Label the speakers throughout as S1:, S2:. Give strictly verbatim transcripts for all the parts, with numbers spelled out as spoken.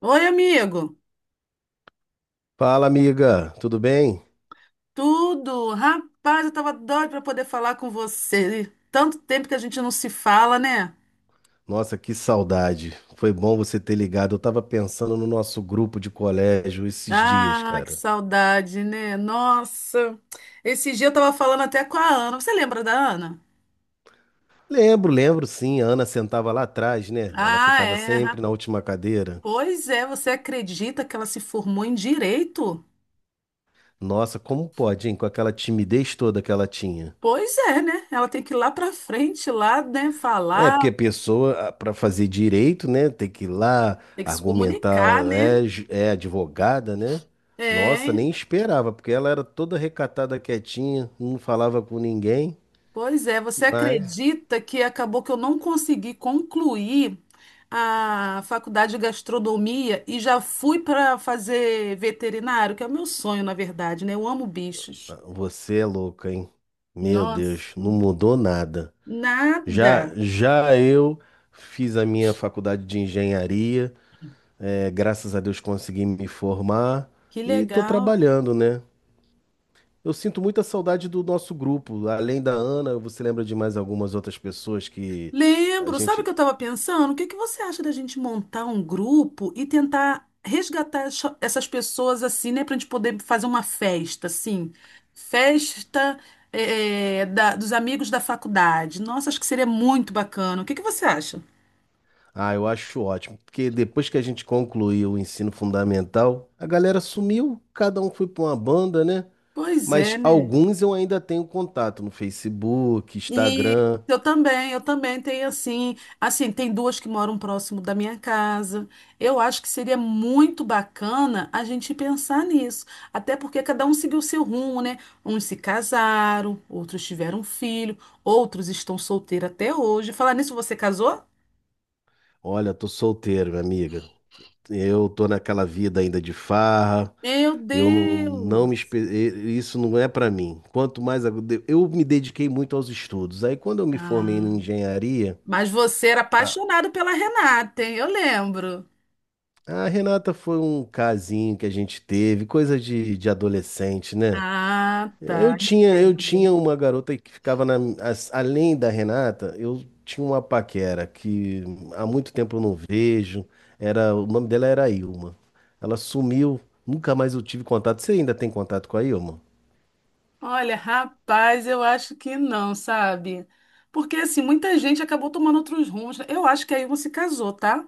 S1: Oi, amigo.
S2: Fala, amiga, tudo bem?
S1: Tudo? Rapaz, eu tava doida para poder falar com você. Tanto tempo que a gente não se fala, né?
S2: Nossa, que saudade. Foi bom você ter ligado. Eu tava pensando no nosso grupo de colégio esses dias,
S1: Ah, que
S2: cara.
S1: saudade, né? Nossa. Esse dia eu tava falando até com a Ana. Você lembra da Ana?
S2: Lembro, lembro sim. A Ana sentava lá atrás, né? Ela
S1: Ah,
S2: ficava
S1: é.
S2: sempre
S1: ra-
S2: na última cadeira.
S1: Pois é, você acredita que ela se formou em direito?
S2: Nossa, como pode, hein? Com aquela timidez toda que ela tinha.
S1: Pois é, né? Ela tem que ir lá pra frente, lá, né,
S2: É,
S1: falar,
S2: porque a pessoa, para fazer direito, né, tem que ir lá
S1: tem que se
S2: argumentar,
S1: comunicar, né?
S2: é, ju- é advogada, né? Nossa,
S1: É.
S2: nem esperava, porque ela era toda recatada, quietinha, não falava com ninguém.
S1: Pois é, você
S2: Mas
S1: acredita que acabou que eu não consegui concluir a faculdade de gastronomia e já fui para fazer veterinário, que é o meu sonho, na verdade, né? Eu amo bichos.
S2: você é louco, hein? Meu Deus,
S1: Nossa,
S2: não mudou nada.
S1: nada.
S2: Já, já eu fiz a minha faculdade de engenharia, é, graças a Deus consegui me formar
S1: Que
S2: e tô
S1: legal.
S2: trabalhando, né? Eu sinto muita saudade do nosso grupo. Além da Ana, você lembra de mais algumas outras pessoas que a
S1: Lembro, sabe o
S2: gente.
S1: que eu estava pensando? O que que você acha da gente montar um grupo e tentar resgatar essa- essas pessoas assim, né, para a gente poder fazer uma festa, assim, festa eh, eh, da- dos amigos da faculdade. Nossa, acho que seria muito bacana. O que que você acha?
S2: Ah, eu acho ótimo, porque depois que a gente concluiu o ensino fundamental, a galera sumiu, cada um foi pra uma banda, né?
S1: Pois é,
S2: Mas
S1: né?
S2: alguns eu ainda tenho contato no Facebook,
S1: E
S2: Instagram.
S1: eu também, eu também tenho assim, assim, tem duas que moram próximo da minha casa. Eu acho que seria muito bacana a gente pensar nisso, até porque cada um seguiu seu rumo, né? Uns se casaram, outros tiveram filho, outros estão solteiros até hoje. Falar nisso, você casou?
S2: Olha, tô solteiro, minha amiga. Eu tô naquela vida ainda de farra.
S1: Meu
S2: Eu não, não me espe-
S1: Deus!
S2: e- Isso não é pra mim. Quanto mais eu eu me dediquei muito aos estudos. Aí quando eu me formei
S1: Ah,
S2: em engenharia,
S1: mas você era
S2: a,
S1: apaixonado pela Renata, hein? Eu lembro.
S2: a Renata foi um casinho que a gente teve, coisa de, de adolescente, né?
S1: Ah,
S2: Eu
S1: tá.
S2: tinha, eu tinha uma garota que ficava na, as- além da Renata. Eu tinha uma paquera que há muito tempo eu não vejo. Era, o nome dela era Ilma. Ela sumiu, nunca mais eu tive contato. Você ainda tem contato com a Ilma?
S1: Olha, rapaz, eu acho que não, sabe? Porque assim, muita gente acabou tomando outros rumos, né? Eu acho que a Ilma se casou, tá?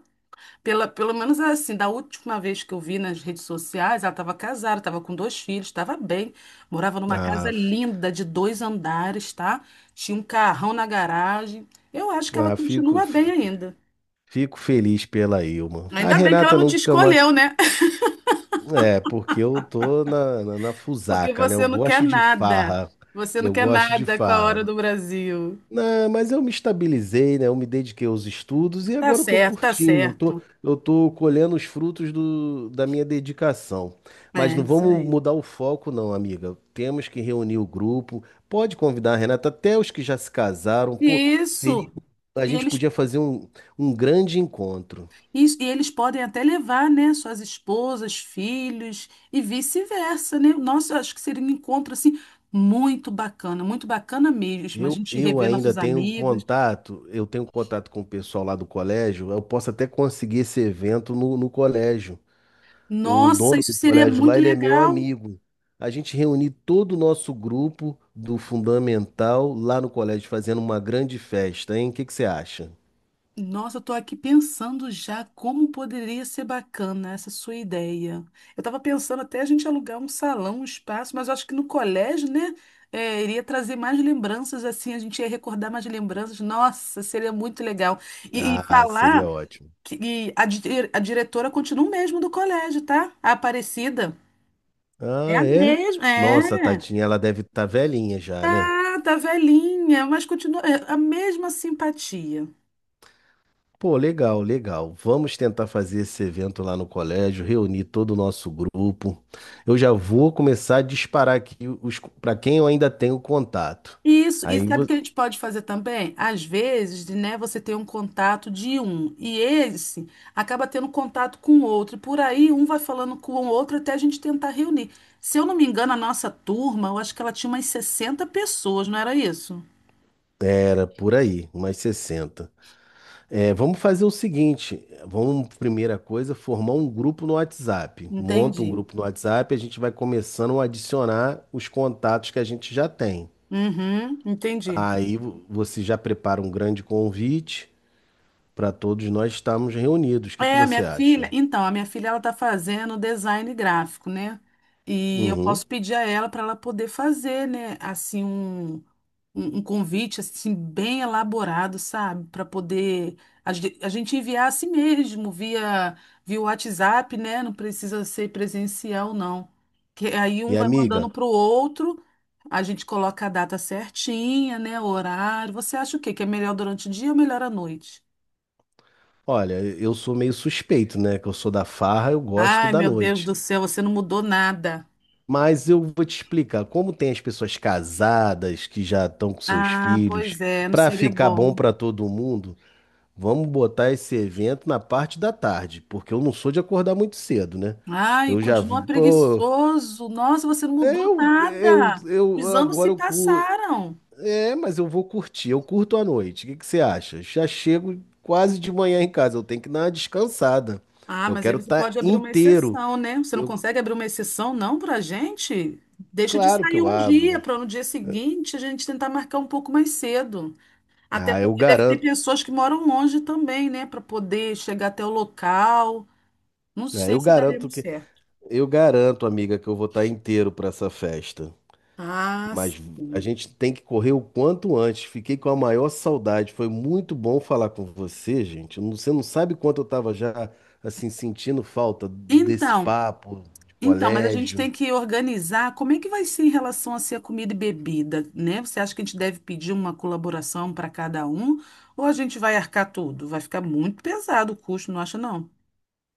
S1: Pela, pelo menos assim, da última vez que eu vi nas redes sociais, ela estava casada, estava com dois filhos, estava bem. Morava numa
S2: Ah,
S1: casa
S2: f-
S1: linda de dois andares, tá? Tinha um carrão na garagem. Eu acho que ela
S2: ah, fico,
S1: continua bem
S2: f-
S1: ainda.
S2: fico feliz pela Ilma. A
S1: Ainda bem que ela
S2: Renata
S1: não te
S2: nunca mais.
S1: escolheu, né?
S2: É, porque eu tô na, na, na
S1: Porque
S2: fusaca, né? Eu
S1: você não quer
S2: gosto de
S1: nada.
S2: farra.
S1: Você não
S2: Eu
S1: quer
S2: gosto de
S1: nada com a
S2: farra.
S1: hora do Brasil.
S2: Não, mas eu me estabilizei, né? Eu me dediquei aos estudos e
S1: Tá
S2: agora eu tô
S1: certo, tá
S2: curtindo, eu tô,
S1: certo.
S2: eu tô colhendo os frutos do, da minha dedicação. Mas
S1: É,
S2: não
S1: isso
S2: vamos
S1: aí.
S2: mudar o foco, não, amiga. Temos que reunir o grupo. Pode convidar a Renata, até os que já se casaram. Pô, seria,
S1: Isso.
S2: a
S1: E
S2: gente
S1: eles,
S2: podia fazer um, um grande encontro.
S1: isso- e eles podem até levar, né, suas esposas, filhos e vice-versa, né? Nossa, eu acho que seria um encontro assim muito bacana, muito bacana mesmo. A
S2: Eu,
S1: gente
S2: eu
S1: rever
S2: ainda
S1: nossos
S2: tenho
S1: amigos.
S2: contato, eu tenho contato com o pessoal lá do colégio. Eu posso até conseguir esse evento no, no colégio. O
S1: Nossa,
S2: dono
S1: isso
S2: do
S1: seria
S2: colégio
S1: muito
S2: lá, ele é meu
S1: legal.
S2: amigo. A gente reuniu todo o nosso grupo do Fundamental lá no colégio, fazendo uma grande festa, hein? O que que você acha?
S1: Nossa, eu tô aqui pensando já como poderia ser bacana essa sua ideia. Eu tava pensando até a gente alugar um salão, um espaço, mas eu acho que no colégio, né, é, iria trazer mais lembranças, assim, a gente ia recordar mais lembranças. Nossa, seria muito legal. E, e
S2: Ah,
S1: falar
S2: seria ótimo.
S1: que e a, di- a diretora continua o mesmo do colégio, tá? A Aparecida. É a
S2: Ah, é?
S1: mesma, é.
S2: Nossa, tadinha, ela deve estar velhinha já, né?
S1: Tá, tá velhinha, mas continua é, a mesma simpatia.
S2: Pô, legal, legal. Vamos tentar fazer esse evento lá no colégio, reunir todo o nosso grupo. Eu já vou começar a disparar aqui os para quem eu ainda tenho contato.
S1: Isso, e
S2: Aí
S1: sabe o
S2: vo-
S1: que a gente pode fazer também? Às vezes, né, você tem um contato de um e esse acaba tendo contato com o outro, e por aí um vai falando com o outro até a gente tentar reunir. Se eu não me engano, a nossa turma, eu acho que ela tinha umas sessenta pessoas, não era isso?
S2: Era por aí, umas sessenta. É, vamos fazer o seguinte, vamos, primeira coisa, formar um grupo no WhatsApp. Monta um
S1: Entendi.
S2: grupo no WhatsApp, a gente vai começando a adicionar os contatos que a gente já tem.
S1: Uhum, entendi.
S2: Aí vo- você já prepara um grande convite para todos nós estarmos reunidos. O que que
S1: É, a minha
S2: você acha?
S1: filha, então, a minha filha ela tá fazendo design gráfico, né? E eu
S2: Uhum.
S1: posso pedir a ela para ela poder fazer, né, assim um um, um convite assim bem elaborado, sabe, para poder a, ge- a gente enviar a si mesmo via via WhatsApp, né? Não precisa ser presencial, não. Que aí
S2: E
S1: um vai mandando
S2: amiga,
S1: pro outro, a gente coloca a data certinha, né? O horário. Você acha o quê? Que é melhor durante o dia ou melhor à noite?
S2: olha, eu sou meio suspeito, né? Que eu sou da farra, eu gosto
S1: Ai,
S2: da
S1: meu Deus
S2: noite.
S1: do céu, você não mudou nada.
S2: Mas eu vou te explicar como tem as pessoas casadas que já estão com seus
S1: Ah,
S2: filhos,
S1: pois é, não
S2: para
S1: seria
S2: ficar bom
S1: bom.
S2: para todo mundo, vamos botar esse evento na parte da tarde, porque eu não sou de acordar muito cedo, né?
S1: Ai,
S2: Eu já,
S1: continua
S2: vi- pô,
S1: preguiçoso. Nossa, você não mudou
S2: é, eu, eu,
S1: nada.
S2: eu
S1: Os anos se
S2: agora eu cu-
S1: passaram.
S2: é, mas eu vou curtir, eu curto à noite. O que que você acha? Já chego quase de manhã em casa, eu tenho que dar uma descansada.
S1: Ah,
S2: Eu
S1: mas aí
S2: quero
S1: você
S2: estar
S1: pode abrir uma
S2: inteiro.
S1: exceção, né? Você não
S2: Eu,
S1: consegue abrir uma exceção, não, pra gente? Deixa de
S2: claro que
S1: sair
S2: eu
S1: um dia,
S2: abro.
S1: para no dia seguinte a gente tentar marcar um pouco mais cedo. Até
S2: Ah, eu
S1: porque deve ter
S2: garanto,
S1: pessoas que moram longe também, né? Para poder chegar até o local. Não
S2: ah,
S1: sei
S2: eu
S1: se daria
S2: garanto
S1: muito
S2: que,
S1: certo.
S2: eu garanto, amiga, que eu vou estar inteiro para essa festa.
S1: Ah,
S2: Mas a
S1: sim.
S2: gente tem que correr o quanto antes. Fiquei com a maior saudade. Foi muito bom falar com você, gente. Não- Você não sabe quanto eu estava já assim sentindo falta desse
S1: Então,
S2: papo de
S1: Então, mas a gente
S2: colégio.
S1: tem que organizar como é que vai ser em relação a ser a comida e bebida, né? Você acha que a gente deve pedir uma colaboração para cada um ou a gente vai arcar tudo? Vai ficar muito pesado o custo, não acha não?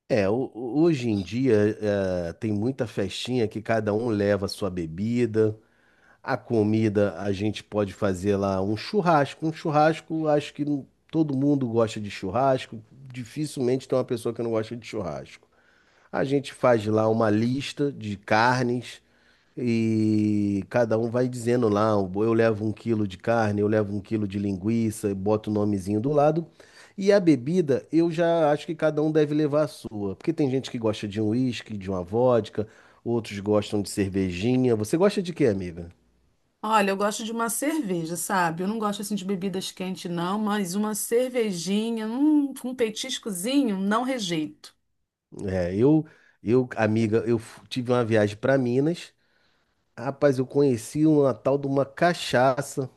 S2: É, ho- hoje em dia eh, tem muita festinha que cada um leva a sua bebida. A comida a gente pode fazer lá um churrasco. Um churrasco, acho que não- todo mundo gosta de churrasco. Dificilmente tem uma pessoa que não gosta de churrasco. A gente faz lá uma lista de carnes e cada um vai dizendo lá, eu levo um quilo de carne, eu levo um quilo de linguiça, e boto o nomezinho do lado. E a bebida, eu já acho que cada um deve levar a sua, porque tem gente que gosta de um uísque, de uma vodka, outros gostam de cervejinha. Você gosta de quê, amiga?
S1: Olha, eu gosto de uma cerveja, sabe? Eu não gosto assim de bebidas quentes não, mas uma cervejinha, hum, com um petiscozinho, não rejeito.
S2: É, eu, eu, amiga, eu f- tive uma viagem para Minas. Rapaz, eu conheci uma tal de uma cachaça.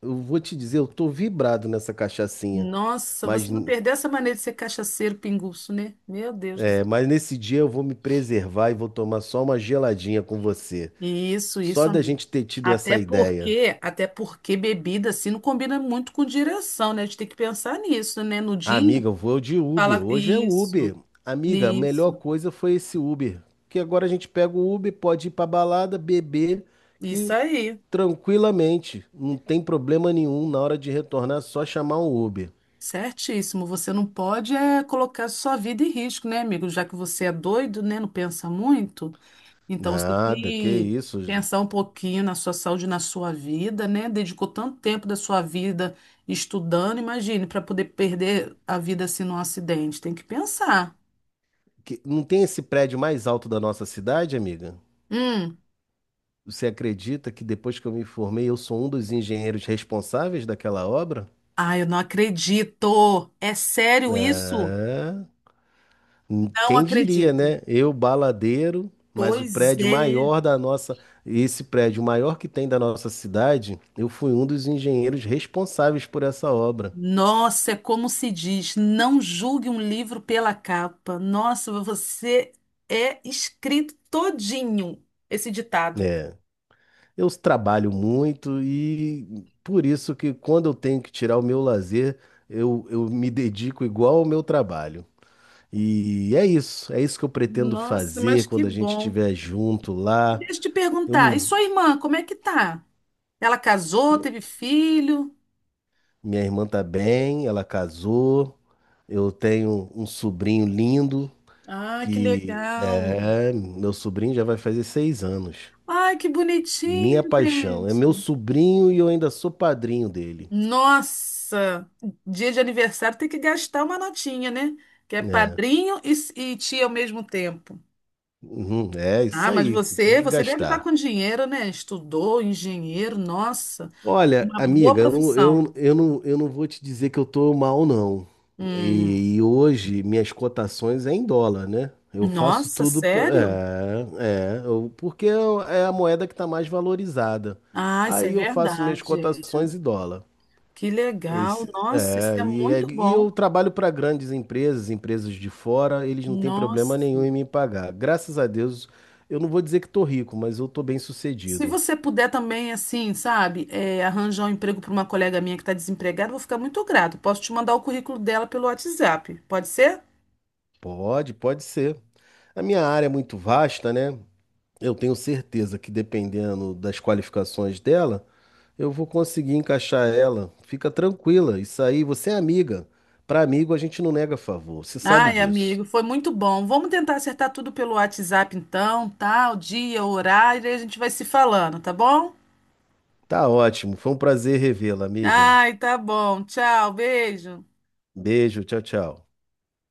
S2: Eu vou te dizer, eu tô vibrado nessa cachaçinha.
S1: Nossa,
S2: Mas,
S1: você não perdeu essa maneira de ser cachaceiro pinguço, né? Meu Deus do
S2: é, mas nesse dia eu vou me preservar e vou tomar só uma geladinha com você.
S1: Isso,
S2: Só
S1: isso,
S2: da
S1: amigo.
S2: gente ter tido
S1: Até
S2: essa ideia.
S1: porque, até porque bebida assim não combina muito com direção, né? A gente tem que pensar nisso, né? No
S2: Ah,
S1: dia,
S2: amiga, eu vou de Uber.
S1: fala
S2: Hoje é Uber.
S1: isso,
S2: Amiga, a melhor
S1: isso,
S2: coisa foi esse Uber. Que agora a gente pega o Uber, pode ir pra balada, beber,
S1: isso
S2: que
S1: aí.
S2: tranquilamente, não tem problema nenhum na hora de retornar, é só chamar um Uber.
S1: Certíssimo. Você não pode é, colocar sua vida em risco, né, amigo? Já que você é doido, né? Não pensa muito. Então você tem
S2: Nada, que
S1: que
S2: isso.
S1: pensar um pouquinho na sua saúde, na sua vida, né? Dedicou tanto tempo da sua vida estudando, imagine, para poder perder a vida assim num acidente. Tem que pensar.
S2: Que- não tem esse prédio mais alto da nossa cidade, amiga?
S1: Hum.
S2: Você acredita que depois que eu me formei, eu sou um dos engenheiros responsáveis daquela obra?
S1: Ai, eu não acredito. É sério isso?
S2: É. hum,
S1: Não
S2: Quem diria,
S1: acredito.
S2: né? Eu, baladeiro, mas o
S1: Pois
S2: prédio
S1: é.
S2: maior da nossa, esse prédio maior que tem da nossa cidade, eu fui um dos engenheiros responsáveis por essa obra.
S1: Nossa, é como se diz, não julgue um livro pela capa. Nossa, você é escrito todinho esse ditado.
S2: É. Eu trabalho muito e por isso que quando eu tenho que tirar o meu lazer, eu, eu me dedico igual ao meu trabalho. E é isso, é isso que eu pretendo
S1: Nossa, mas
S2: fazer
S1: que
S2: quando a gente
S1: bom.
S2: estiver junto lá.
S1: Deixa eu te
S2: Eu
S1: perguntar, e
S2: não-
S1: sua irmã, como é que tá? Ela casou, teve filho?
S2: Minha irmã tá bem, ela casou. Eu tenho um sobrinho lindo
S1: Ah, que
S2: que
S1: legal.
S2: é, meu sobrinho já vai fazer seis anos.
S1: Ai, que bonitinho,
S2: Minha paixão, é meu
S1: gente.
S2: sobrinho e eu ainda sou padrinho dele.
S1: Nossa, dia de aniversário tem que gastar uma notinha, né? Que é
S2: É,
S1: padrinho e, e tia ao mesmo tempo.
S2: uhum, é isso
S1: Ah, mas
S2: aí, tem
S1: você,
S2: que
S1: você deve estar
S2: gastar.
S1: com dinheiro, né? Estudou, engenheiro, nossa,
S2: Olha,
S1: uma boa
S2: amiga, eu, não-
S1: profissão.
S2: eu, eu, não, eu não vou te dizer que eu tô mal, não.
S1: Hum,
S2: E, e hoje minhas cotações é em dólar, né? Eu faço
S1: nossa,
S2: tudo pra,
S1: sério?
S2: é, é, eu- porque é é a moeda que tá mais valorizada.
S1: Ah, isso é
S2: Aí eu faço minhas
S1: verdade.
S2: cotações em dólar.
S1: Que legal,
S2: Esse,
S1: nossa, isso
S2: é,
S1: é
S2: e, é-
S1: muito
S2: E
S1: bom.
S2: eu trabalho para grandes empresas, empresas de fora, eles não têm problema
S1: Nossa.
S2: nenhum em me pagar. Graças a Deus, eu não vou dizer que tô rico, mas eu tô bem
S1: Se
S2: sucedido.
S1: você puder também, assim, sabe, é, arranjar um emprego para uma colega minha que está desempregada, eu vou ficar muito grato. Posso te mandar o currículo dela pelo WhatsApp, pode ser?
S2: Pode, pode ser. A minha área é muito vasta, né? Eu tenho certeza que dependendo das qualificações dela, eu vou conseguir encaixar ela. Fica tranquila, isso aí, você é amiga. Para amigo a gente não nega favor, você sabe
S1: Ai,
S2: disso.
S1: amigo, foi muito bom. Vamos tentar acertar tudo pelo WhatsApp, então, tá? O dia, o horário, e a gente vai se falando, tá bom?
S2: Tá ótimo, foi um prazer revê-la, amiga.
S1: Ai, tá bom. Tchau, beijo.
S2: Beijo, tchau, tchau.